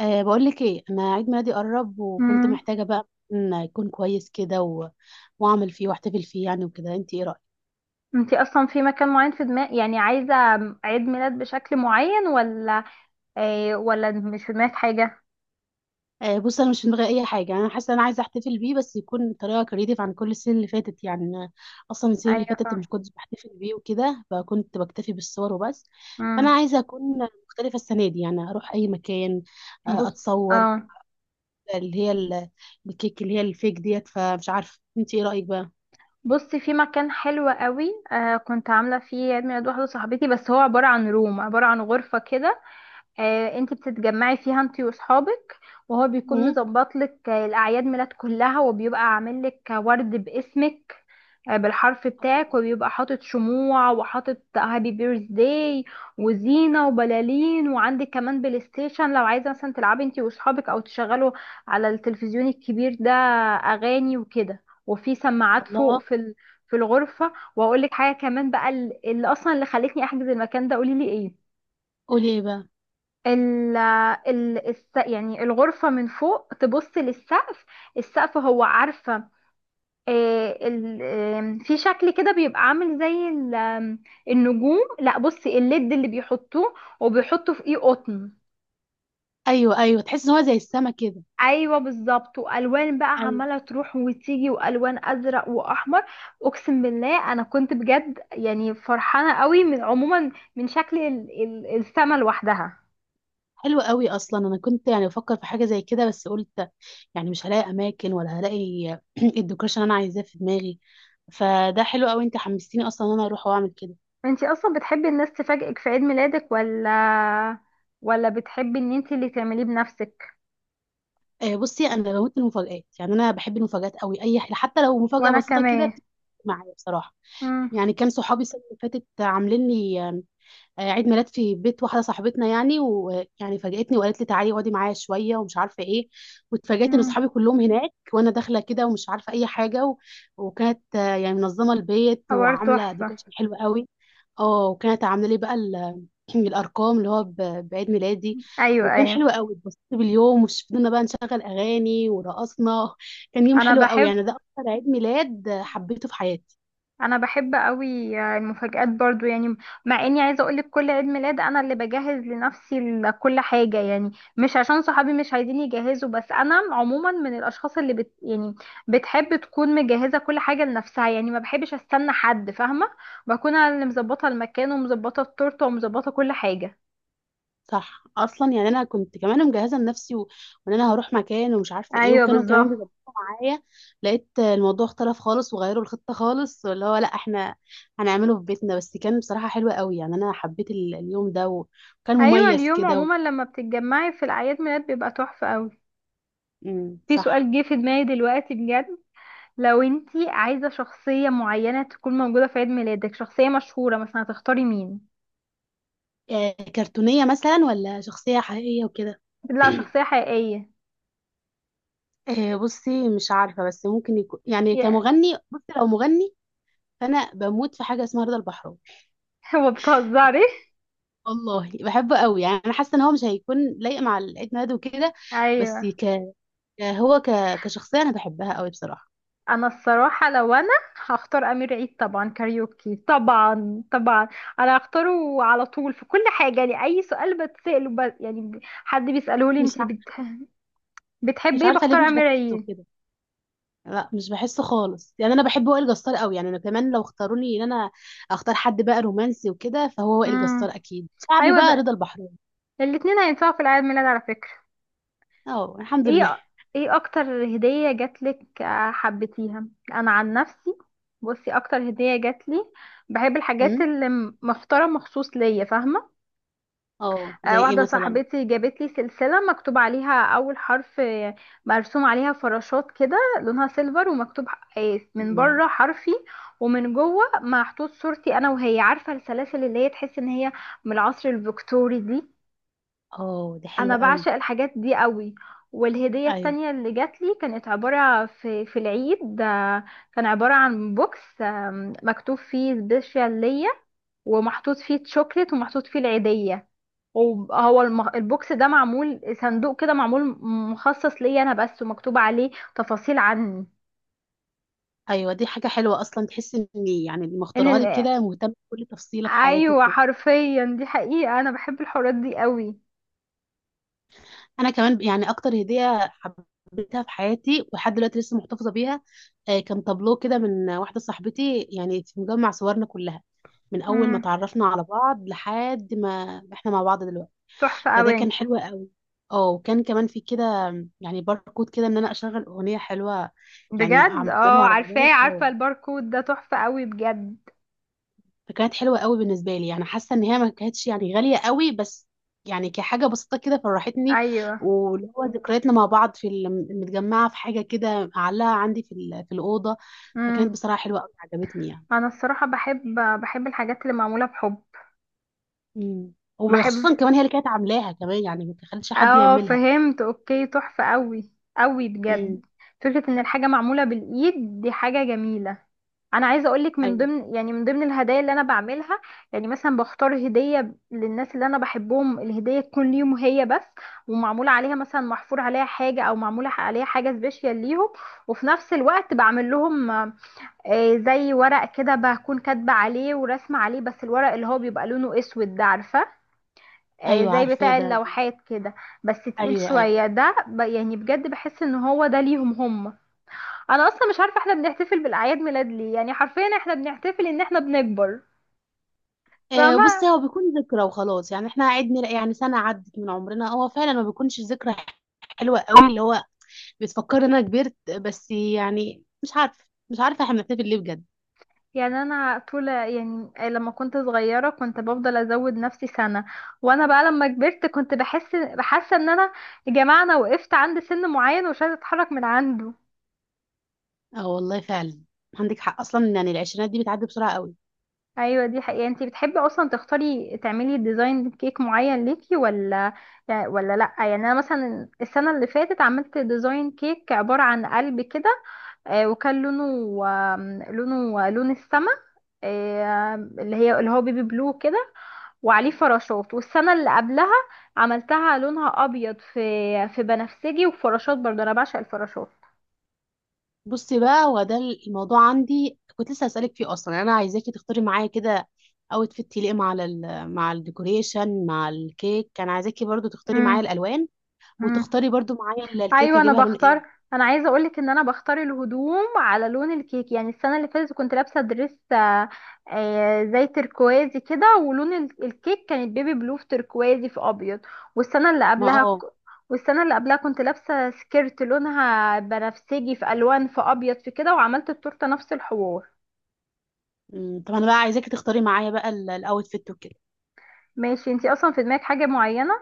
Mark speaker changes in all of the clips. Speaker 1: بقول لك ايه، انا عيد ميلادي قرب وكنت
Speaker 2: امم
Speaker 1: محتاجه بقى ان يكون كويس كده واعمل فيه واحتفل فيه يعني وكده. انت ايه رايك؟
Speaker 2: انتي اصلا في مكان معين في دماغ، يعني عايزه عيد ميلاد بشكل معين، ولا ايه؟ ولا مش في دماغك حاجه؟
Speaker 1: بص، انا مش في دماغي اي حاجه. انا حاسه انا عايزه احتفل بيه بس يكون بطريقه كريتيف عن كل السنين اللي فاتت. يعني أنا اصلا السنين اللي
Speaker 2: ايوه،
Speaker 1: فاتت
Speaker 2: فاهم.
Speaker 1: مش كنت بحتفل بيه وكده، فكنت بكتفي بالصور وبس. فانا
Speaker 2: امم
Speaker 1: عايزه اكون مختلفه السنه دي، يعني اروح اي مكان.
Speaker 2: بص
Speaker 1: اتصور.
Speaker 2: اه
Speaker 1: اللي هي الكيك، اللي هي الفيك ديت. فمش عارفه انت ايه رايك بقى؟
Speaker 2: بصي، في مكان حلو قوي كنت عامله فيه عيد ميلاد واحده صاحبتي، بس هو عباره عن روم، عباره عن غرفه كده. انتي بتتجمعي فيها انتي واصحابك، وهو بيكون
Speaker 1: مم؟
Speaker 2: مظبط لك الاعياد ميلاد كلها، وبيبقى عامل لك ورد باسمك بالحرف بتاعك، وبيبقى حاطط شموع وحاطط هابي بيرث داي وزينة وبلالين، وعندك كمان بلاي ستيشن لو عايزة مثلا تلعبي انتي واصحابك، او تشغلوا على التلفزيون الكبير ده اغاني وكده، وفي سماعات فوق
Speaker 1: الله.
Speaker 2: في في الغرفة. واقول لك حاجة كمان بقى، اللي اصلا اللي خلتني احجز المكان ده، قولي لي ايه؟
Speaker 1: قولي ايه بقى؟
Speaker 2: يعني الغرفة من فوق تبص للسقف، السقف، هو عارفة، آه، ال- آم، في شكل كده، بيبقى عامل زي ال- آم، النجوم، لا بصي الليد اللي بيحطوه، وبيحطوا في ايه، قطن.
Speaker 1: ايوه، ايوه، تحس ان هو زي السما كده.
Speaker 2: ايوه بالظبط، والوان بقى
Speaker 1: ايوه.
Speaker 2: عماله تروح وتيجي، والوان ازرق واحمر. اقسم بالله انا كنت بجد يعني فرحانه قوي، من عموما من شكل السما لوحدها.
Speaker 1: حلو قوي اصلا، انا كنت يعني بفكر في حاجه زي كده بس قلت يعني مش هلاقي اماكن ولا هلاقي الديكوريشن اللي انا عايزاه في دماغي. فده حلو قوي، انت حمستيني اصلا ان انا اروح واعمل كده.
Speaker 2: انتي اصلا بتحبي الناس تفاجئك في عيد ميلادك، ولا بتحبي ان انتي اللي تعمليه بنفسك؟
Speaker 1: بصي، انا بموت المفاجآت. يعني انا بحب المفاجآت قوي، اي حاجه حتى لو مفاجاه
Speaker 2: وانا
Speaker 1: بسيطه كده
Speaker 2: كمان.
Speaker 1: بتفرق معايا بصراحه.
Speaker 2: امم
Speaker 1: يعني كان صحابي السنه اللي فاتت عاملين لي عيد ميلاد في بيت واحده صاحبتنا، يعني ويعني فاجأتني وقالت لي تعالي اقعدي معايا شويه ومش عارفه ايه. واتفاجأت ان
Speaker 2: امم
Speaker 1: اصحابي كلهم هناك وانا داخله كده ومش عارفه اي حاجه وكانت يعني منظمه البيت
Speaker 2: حوار
Speaker 1: وعامله
Speaker 2: تحفه.
Speaker 1: ديكوريشن حلو قوي. اه، وكانت عامله لي بقى الارقام اللي هو بعيد ميلادي.
Speaker 2: ايوه
Speaker 1: وكان
Speaker 2: ايوه،
Speaker 1: حلو قوي، اتبسطت باليوم وفضلنا بقى نشغل اغاني ورقصنا. كان يوم
Speaker 2: انا
Speaker 1: حلو قوي،
Speaker 2: بحب
Speaker 1: يعني ده اكتر عيد ميلاد حبيته في حياتي.
Speaker 2: انا بحب قوي المفاجآت برضو يعني، مع اني عايزه اقولك كل عيد ميلاد انا اللي بجهز لنفسي كل حاجه، يعني مش عشان صحابي مش عايزين يجهزوا، بس انا عموما من الاشخاص اللي بت يعني بتحب تكون مجهزه كل حاجه لنفسها، يعني ما بحبش استنى حد، فاهمه؟ بكون انا اللي مظبطه المكان ومظبطه التورته ومظبطه كل حاجه.
Speaker 1: صح، اصلا يعني انا كنت كمان مجهزه لنفسي وان انا هروح مكان ومش عارفه ايه،
Speaker 2: ايوه
Speaker 1: وكانوا
Speaker 2: بالظبط.
Speaker 1: كمان بيبقوا معايا. لقيت الموضوع اختلف خالص وغيروا الخطه خالص، اللي هو لا احنا هنعمله في بيتنا. بس كان بصراحه حلو قوي، يعني انا حبيت اليوم ده وكان
Speaker 2: ايوه،
Speaker 1: مميز
Speaker 2: اليوم
Speaker 1: كده
Speaker 2: عموما لما بتتجمعي في الاعياد ميلاد بيبقى تحفه قوي.
Speaker 1: مم،
Speaker 2: في سؤال
Speaker 1: صح.
Speaker 2: جه في دماغي دلوقتي بجد، لو انتي عايزة شخصية معينة تكون موجودة في عيد ميلادك، شخصية مشهورة مثلا، هتختاري مين؟
Speaker 1: كرتونيه مثلا ولا شخصيه حقيقيه وكده؟
Speaker 2: لا، شخصية حقيقية.
Speaker 1: بصي، مش عارفه. بس ممكن يكون يعني
Speaker 2: يا
Speaker 1: كمغني. بصي، لو مغني، فانا بموت في حاجه اسمها رضا البحراوي.
Speaker 2: هو بتهزري؟
Speaker 1: والله بحبه قوي، يعني انا حاسه ان هو مش هيكون لايق مع العيد ميلاد وكده. بس
Speaker 2: ايوه.
Speaker 1: هو كشخصيه انا بحبها قوي بصراحه.
Speaker 2: انا الصراحة لو انا هختار امير عيد طبعا، كاريوكي طبعا طبعا، انا هختاره على طول في كل حاجة، يعني اي سؤال بتسأله حد بيسأله لي
Speaker 1: مش
Speaker 2: انتي
Speaker 1: عارفه
Speaker 2: بتحبي
Speaker 1: مش
Speaker 2: ايه،
Speaker 1: عارفه ليه،
Speaker 2: بختار
Speaker 1: مش
Speaker 2: امير
Speaker 1: بحسه
Speaker 2: عيد.
Speaker 1: كده. لا، مش بحسه خالص. يعني انا بحب وائل جسار قوي، يعني انا كمان لو اختاروني ان انا اختار حد بقى رومانسي وكده، فهو وائل جسار.
Speaker 2: امم.
Speaker 1: اكيد شعبي
Speaker 2: ايوه
Speaker 1: بقى
Speaker 2: ده،
Speaker 1: رضا البحراوي.
Speaker 2: الاتنين هينفعوا في العيد ميلاد على فكرة.
Speaker 1: اه، الحمد لله.
Speaker 2: ايه؟ ايه اكتر هدية جاتلك حبيتيها؟ انا عن نفسي بصي اكتر هدية جاتلي، بحب الحاجات
Speaker 1: امم.
Speaker 2: اللي مختارة مخصوص ليا، فاهمة؟
Speaker 1: اه، زي ايه
Speaker 2: واحدة
Speaker 1: مثلا؟
Speaker 2: صاحبتي جابتلي سلسلة مكتوب عليها اول حرف، مرسوم عليها فراشات كده، لونها سيلفر، ومكتوب من
Speaker 1: أمم.
Speaker 2: بره حرفي، ومن جوه محطوط صورتي انا وهي، عارفة السلاسل اللي هي تحس ان هي من العصر الفيكتوري دي؟
Speaker 1: اه، دي
Speaker 2: انا
Speaker 1: حلوه قوي.
Speaker 2: بعشق الحاجات دي قوي. والهدية
Speaker 1: ايوه،
Speaker 2: التانية اللي جات لي كانت عبارة في العيد، كان عبارة عن بوكس، مكتوب فيه سبيشال ليا، ومحطوط فيه تشوكلت ومحطوط فيه العيدية، وهو البوكس ده معمول صندوق كده، معمول مخصص ليا انا بس، ومكتوب عليه تفاصيل عني.
Speaker 1: ايوه، دي حاجه حلوه، اصلا تحس ان يعني اللي
Speaker 2: ان
Speaker 1: مختارها لك
Speaker 2: ال...
Speaker 1: كده مهتم بكل تفصيله في حياتك.
Speaker 2: ايوه حرفيا، دي حقيقة، انا بحب الحوارات دي قوي.
Speaker 1: انا كمان يعني اكتر هديه حبيتها في حياتي، ولحد دلوقتي لسه محتفظه بيها. كان تابلو كده من واحده صاحبتي، يعني في مجمع صورنا كلها من اول ما
Speaker 2: امم،
Speaker 1: تعرفنا على بعض لحد ما احنا مع بعض دلوقتي.
Speaker 2: تحفة
Speaker 1: فده
Speaker 2: قوي
Speaker 1: كان حلو قوي. اه، وكان كمان في كده يعني باركود كده، ان انا اشغل اغنيه حلوه، يعني
Speaker 2: بجد. اه
Speaker 1: اعمله على الموبايل.
Speaker 2: عارفاه،
Speaker 1: اه.
Speaker 2: عارفة الباركود ده؟ تحفة قوي بجد.
Speaker 1: فكانت حلوة قوي بالنسبة لي، يعني حاسة ان هي ما كانتش يعني غالية قوي، بس يعني كحاجة بسيطة كده فرحتني.
Speaker 2: ايوه.
Speaker 1: واللي هو ذكرياتنا مع بعض متجمعة في حاجة كده معلقة عندي في الأوضة. فكانت
Speaker 2: امم.
Speaker 1: بصراحة حلوة قوي، عجبتني يعني.
Speaker 2: انا الصراحة بحب الحاجات اللي معمولة بحب.
Speaker 1: امم.
Speaker 2: بحب
Speaker 1: وخصوصا كمان هي اللي كانت عاملاها كمان، يعني ما تخليش حد
Speaker 2: اه
Speaker 1: يعملها.
Speaker 2: فهمت، اوكي، تحفة قوي، قوي بجد.
Speaker 1: امم.
Speaker 2: فكرة ان الحاجة معمولة بالايد دي حاجة جميلة. انا عايزة اقولك، من
Speaker 1: ايوه،
Speaker 2: ضمن يعني من ضمن الهدايا اللي انا بعملها، يعني مثلا بختار هدية للناس اللي انا بحبهم، الهدية تكون ليهم هي بس، ومعمولة عليها مثلا محفور عليها حاجة، او معمولة عليها حاجة سبيشال ليهم، وفي نفس الوقت بعمل لهم زي ورق كده، بكون كاتبة عليه ورسمة عليه، بس الورق اللي هو بيبقى لونه اسود ده، عارفة؟
Speaker 1: ايوه،
Speaker 2: زي
Speaker 1: عارفاه
Speaker 2: بتاع
Speaker 1: ده.
Speaker 2: اللوحات كده، بس تقيل
Speaker 1: ايوه، ايوه.
Speaker 2: شوية ده، يعني بجد بحس ان هو ده ليهم هم. انا اصلا مش عارفة احنا بنحتفل بالاعياد ميلاد ليه؟ يعني حرفيا احنا بنحتفل ان احنا بنكبر.
Speaker 1: بص،
Speaker 2: فما
Speaker 1: هو بيكون ذكرى وخلاص، يعني احنا عدنا يعني سنة عدت من عمرنا، هو فعلا ما بيكونش ذكرى حلوة قوي اللي هو بتفكر إن انا كبرت. بس يعني مش عارفه احنا بنحتفل ليه بجد.
Speaker 2: يعني انا طول يعني لما كنت صغيرة كنت بفضل ازود نفسي سنة، وانا بقى لما كبرت كنت بحس ان انا، يا جماعة، انا وقفت عند سن معين ومش عايزة اتحرك من عنده.
Speaker 1: اه، والله فعلا، عندك حق اصلا، يعني العشرينات دي بتعدي بسرعه قوي.
Speaker 2: ايوه دي حقيقة. انتي بتحبي اصلا تختاري تعملي ديزاين كيك معين ليكي، ولا لا؟ يعني انا مثلا السنة اللي فاتت عملت ديزاين كيك عبارة عن قلب كده، وكان لونه، لونه لون السما، اللي هي اللي هو بيبي بلو كده، وعليه فراشات. والسنة اللي قبلها عملتها لونها ابيض في، في بنفسجي وفراشات، برضه انا بعشق الفراشات.
Speaker 1: بصي بقى، هو ده الموضوع عندي كنت لسه هسألك فيه. اصلا يعني انا عايزاكي تختاري معايا كده اوتفيت يليق مع الديكوريشن، مع الكيك. كان عايزاكي برضو تختاري معايا الالوان،
Speaker 2: امم.
Speaker 1: وتختاري برضو معايا الكيك
Speaker 2: ايوه انا
Speaker 1: اجيبها لون ايه.
Speaker 2: بختار، انا عايزه اقولك ان انا بختار الهدوم على لون الكيك، يعني السنه اللي فاتت كنت لابسه دريس، زي تركوازي كده، ولون الكيك كانت بيبي بلو في تركوازي في ابيض. والسنه اللي
Speaker 1: ما
Speaker 2: قبلها
Speaker 1: اه.
Speaker 2: ك- والسنه اللي قبلها كنت لابسه سكيرت لونها بنفسجي في الوان في ابيض في كده، وعملت التورته نفس الحوار.
Speaker 1: طب انا بقى عايزاكي تختاري معايا بقى الاوتفيت وكده.
Speaker 2: ماشي. انتي اصلا في دماغك حاجه معينه؟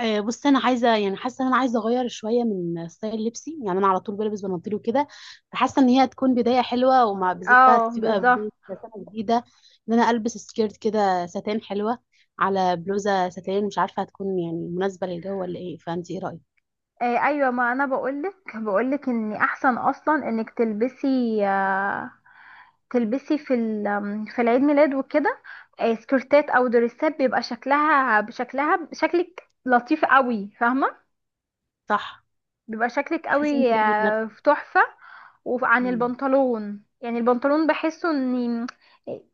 Speaker 1: بص، انا عايزه يعني حاسه ان انا عايزه اغير شويه من ستايل لبسي، يعني انا على طول بلبس بناطيل وكده. فحاسه ان هي هتكون بدايه حلوه، ومع بالذات بقى
Speaker 2: اه
Speaker 1: تبقى
Speaker 2: بالظبط.
Speaker 1: بدايه سنه جديده ان انا البس سكيرت كده ساتان حلوه على بلوزه ساتان. مش عارفه هتكون يعني مناسبه للجو ولا ايه؟ فانت ايه رايك؟
Speaker 2: ايوه، ما انا بقولك ان احسن اصلا انك تلبسي، تلبسي في في العيد ميلاد وكده سكرتات او دريسات، بيبقى شكلها شكلك لطيف قوي، فاهمه؟
Speaker 1: صح.
Speaker 2: بيبقى شكلك
Speaker 1: تحسي انت
Speaker 2: قوي
Speaker 1: ليه
Speaker 2: في، تحفه. وعن
Speaker 1: بنفسك؟
Speaker 2: البنطلون، يعني البنطلون بحسه ان،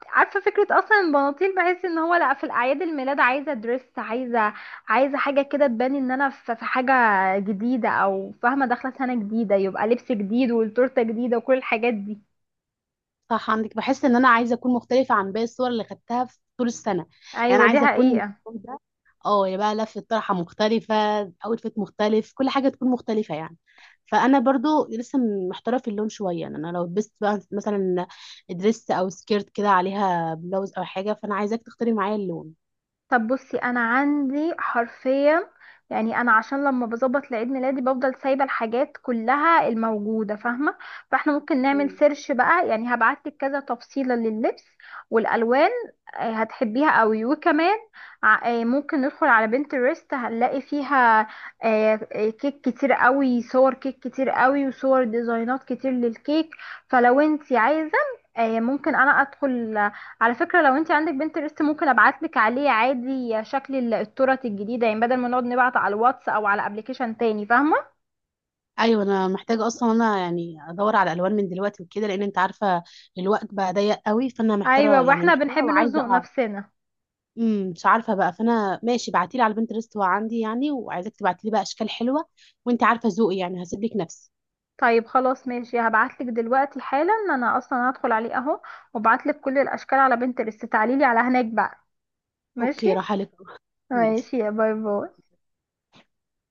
Speaker 2: عارفه فكره اصلا البناطيل، بحس ان هو لا، في الاعياد الميلاد عايزه دريس، عايزه حاجه كده تبان ان انا في حاجه جديده، او فاهمه داخله سنه جديده، يبقى لبس جديد والتورته جديده وكل الحاجات دي.
Speaker 1: صح، عندك. بحس ان انا عايزه اكون مختلفه عن باقي الصور اللي خدتها في طول السنه. يعني
Speaker 2: ايوه
Speaker 1: انا
Speaker 2: دي
Speaker 1: عايزه اكون
Speaker 2: حقيقه.
Speaker 1: اليوم ده اه يا بقى لفه طرحه مختلفه، اوتفيت مختلف، كل حاجه تكون مختلفه يعني. فانا برضو لسه محتاره في اللون شويه. يعني انا لو لبست بقى مثلا دريس او سكيرت كده عليها بلوز او حاجه، فانا عايزاك تختاري معايا اللون.
Speaker 2: طب بصي انا عندي حرفيا، يعني انا عشان لما بظبط لعيد ميلادي بفضل سايبه الحاجات كلها الموجوده، فاهمه؟ فاحنا ممكن نعمل
Speaker 1: مم.
Speaker 2: سيرش بقى، يعني هبعتلك كذا تفصيله لللبس والالوان، هتحبيها قوي. وكمان ممكن ندخل على بنترست، هنلاقي فيها كيك كتير قوي، صور كيك كتير قوي، وصور ديزاينات كتير للكيك. فلو انت عايزه ممكن انا ادخل. على فكرة لو انت عندك بنترست، ممكن ابعتلك عليه عادي شكل الترت الجديدة، يعني بدل ما نقعد نبعت على الواتس او على ابلكيشن تاني، فاهمة؟
Speaker 1: ايوه، انا محتاجه اصلا، انا يعني ادور على الوان من دلوقتي وكده لان انت عارفه الوقت بقى ضيق قوي. فانا
Speaker 2: ايوه،
Speaker 1: محتاره يعني
Speaker 2: واحنا بنحب
Speaker 1: محتاره، وعايزه
Speaker 2: نزنق
Speaker 1: اعرف.
Speaker 2: نفسنا.
Speaker 1: امم، مش عارفه بقى. فانا ماشي، بعتيلي على البنترست هو عندي يعني، وعايزاك تبعتيلي بقى اشكال حلوه. وانت عارفه ذوقي، يعني هسيب لك نفسي.
Speaker 2: طيب خلاص ماشي، هبعتلك دلوقتي حالا، انا اصلا هدخل عليه اهو، وابعتلك كل الاشكال على بنترست، تعاليلي على هناك بقى. ماشي.
Speaker 1: اوكي، راح لك. ماشي.
Speaker 2: ماشي، يا باي باي.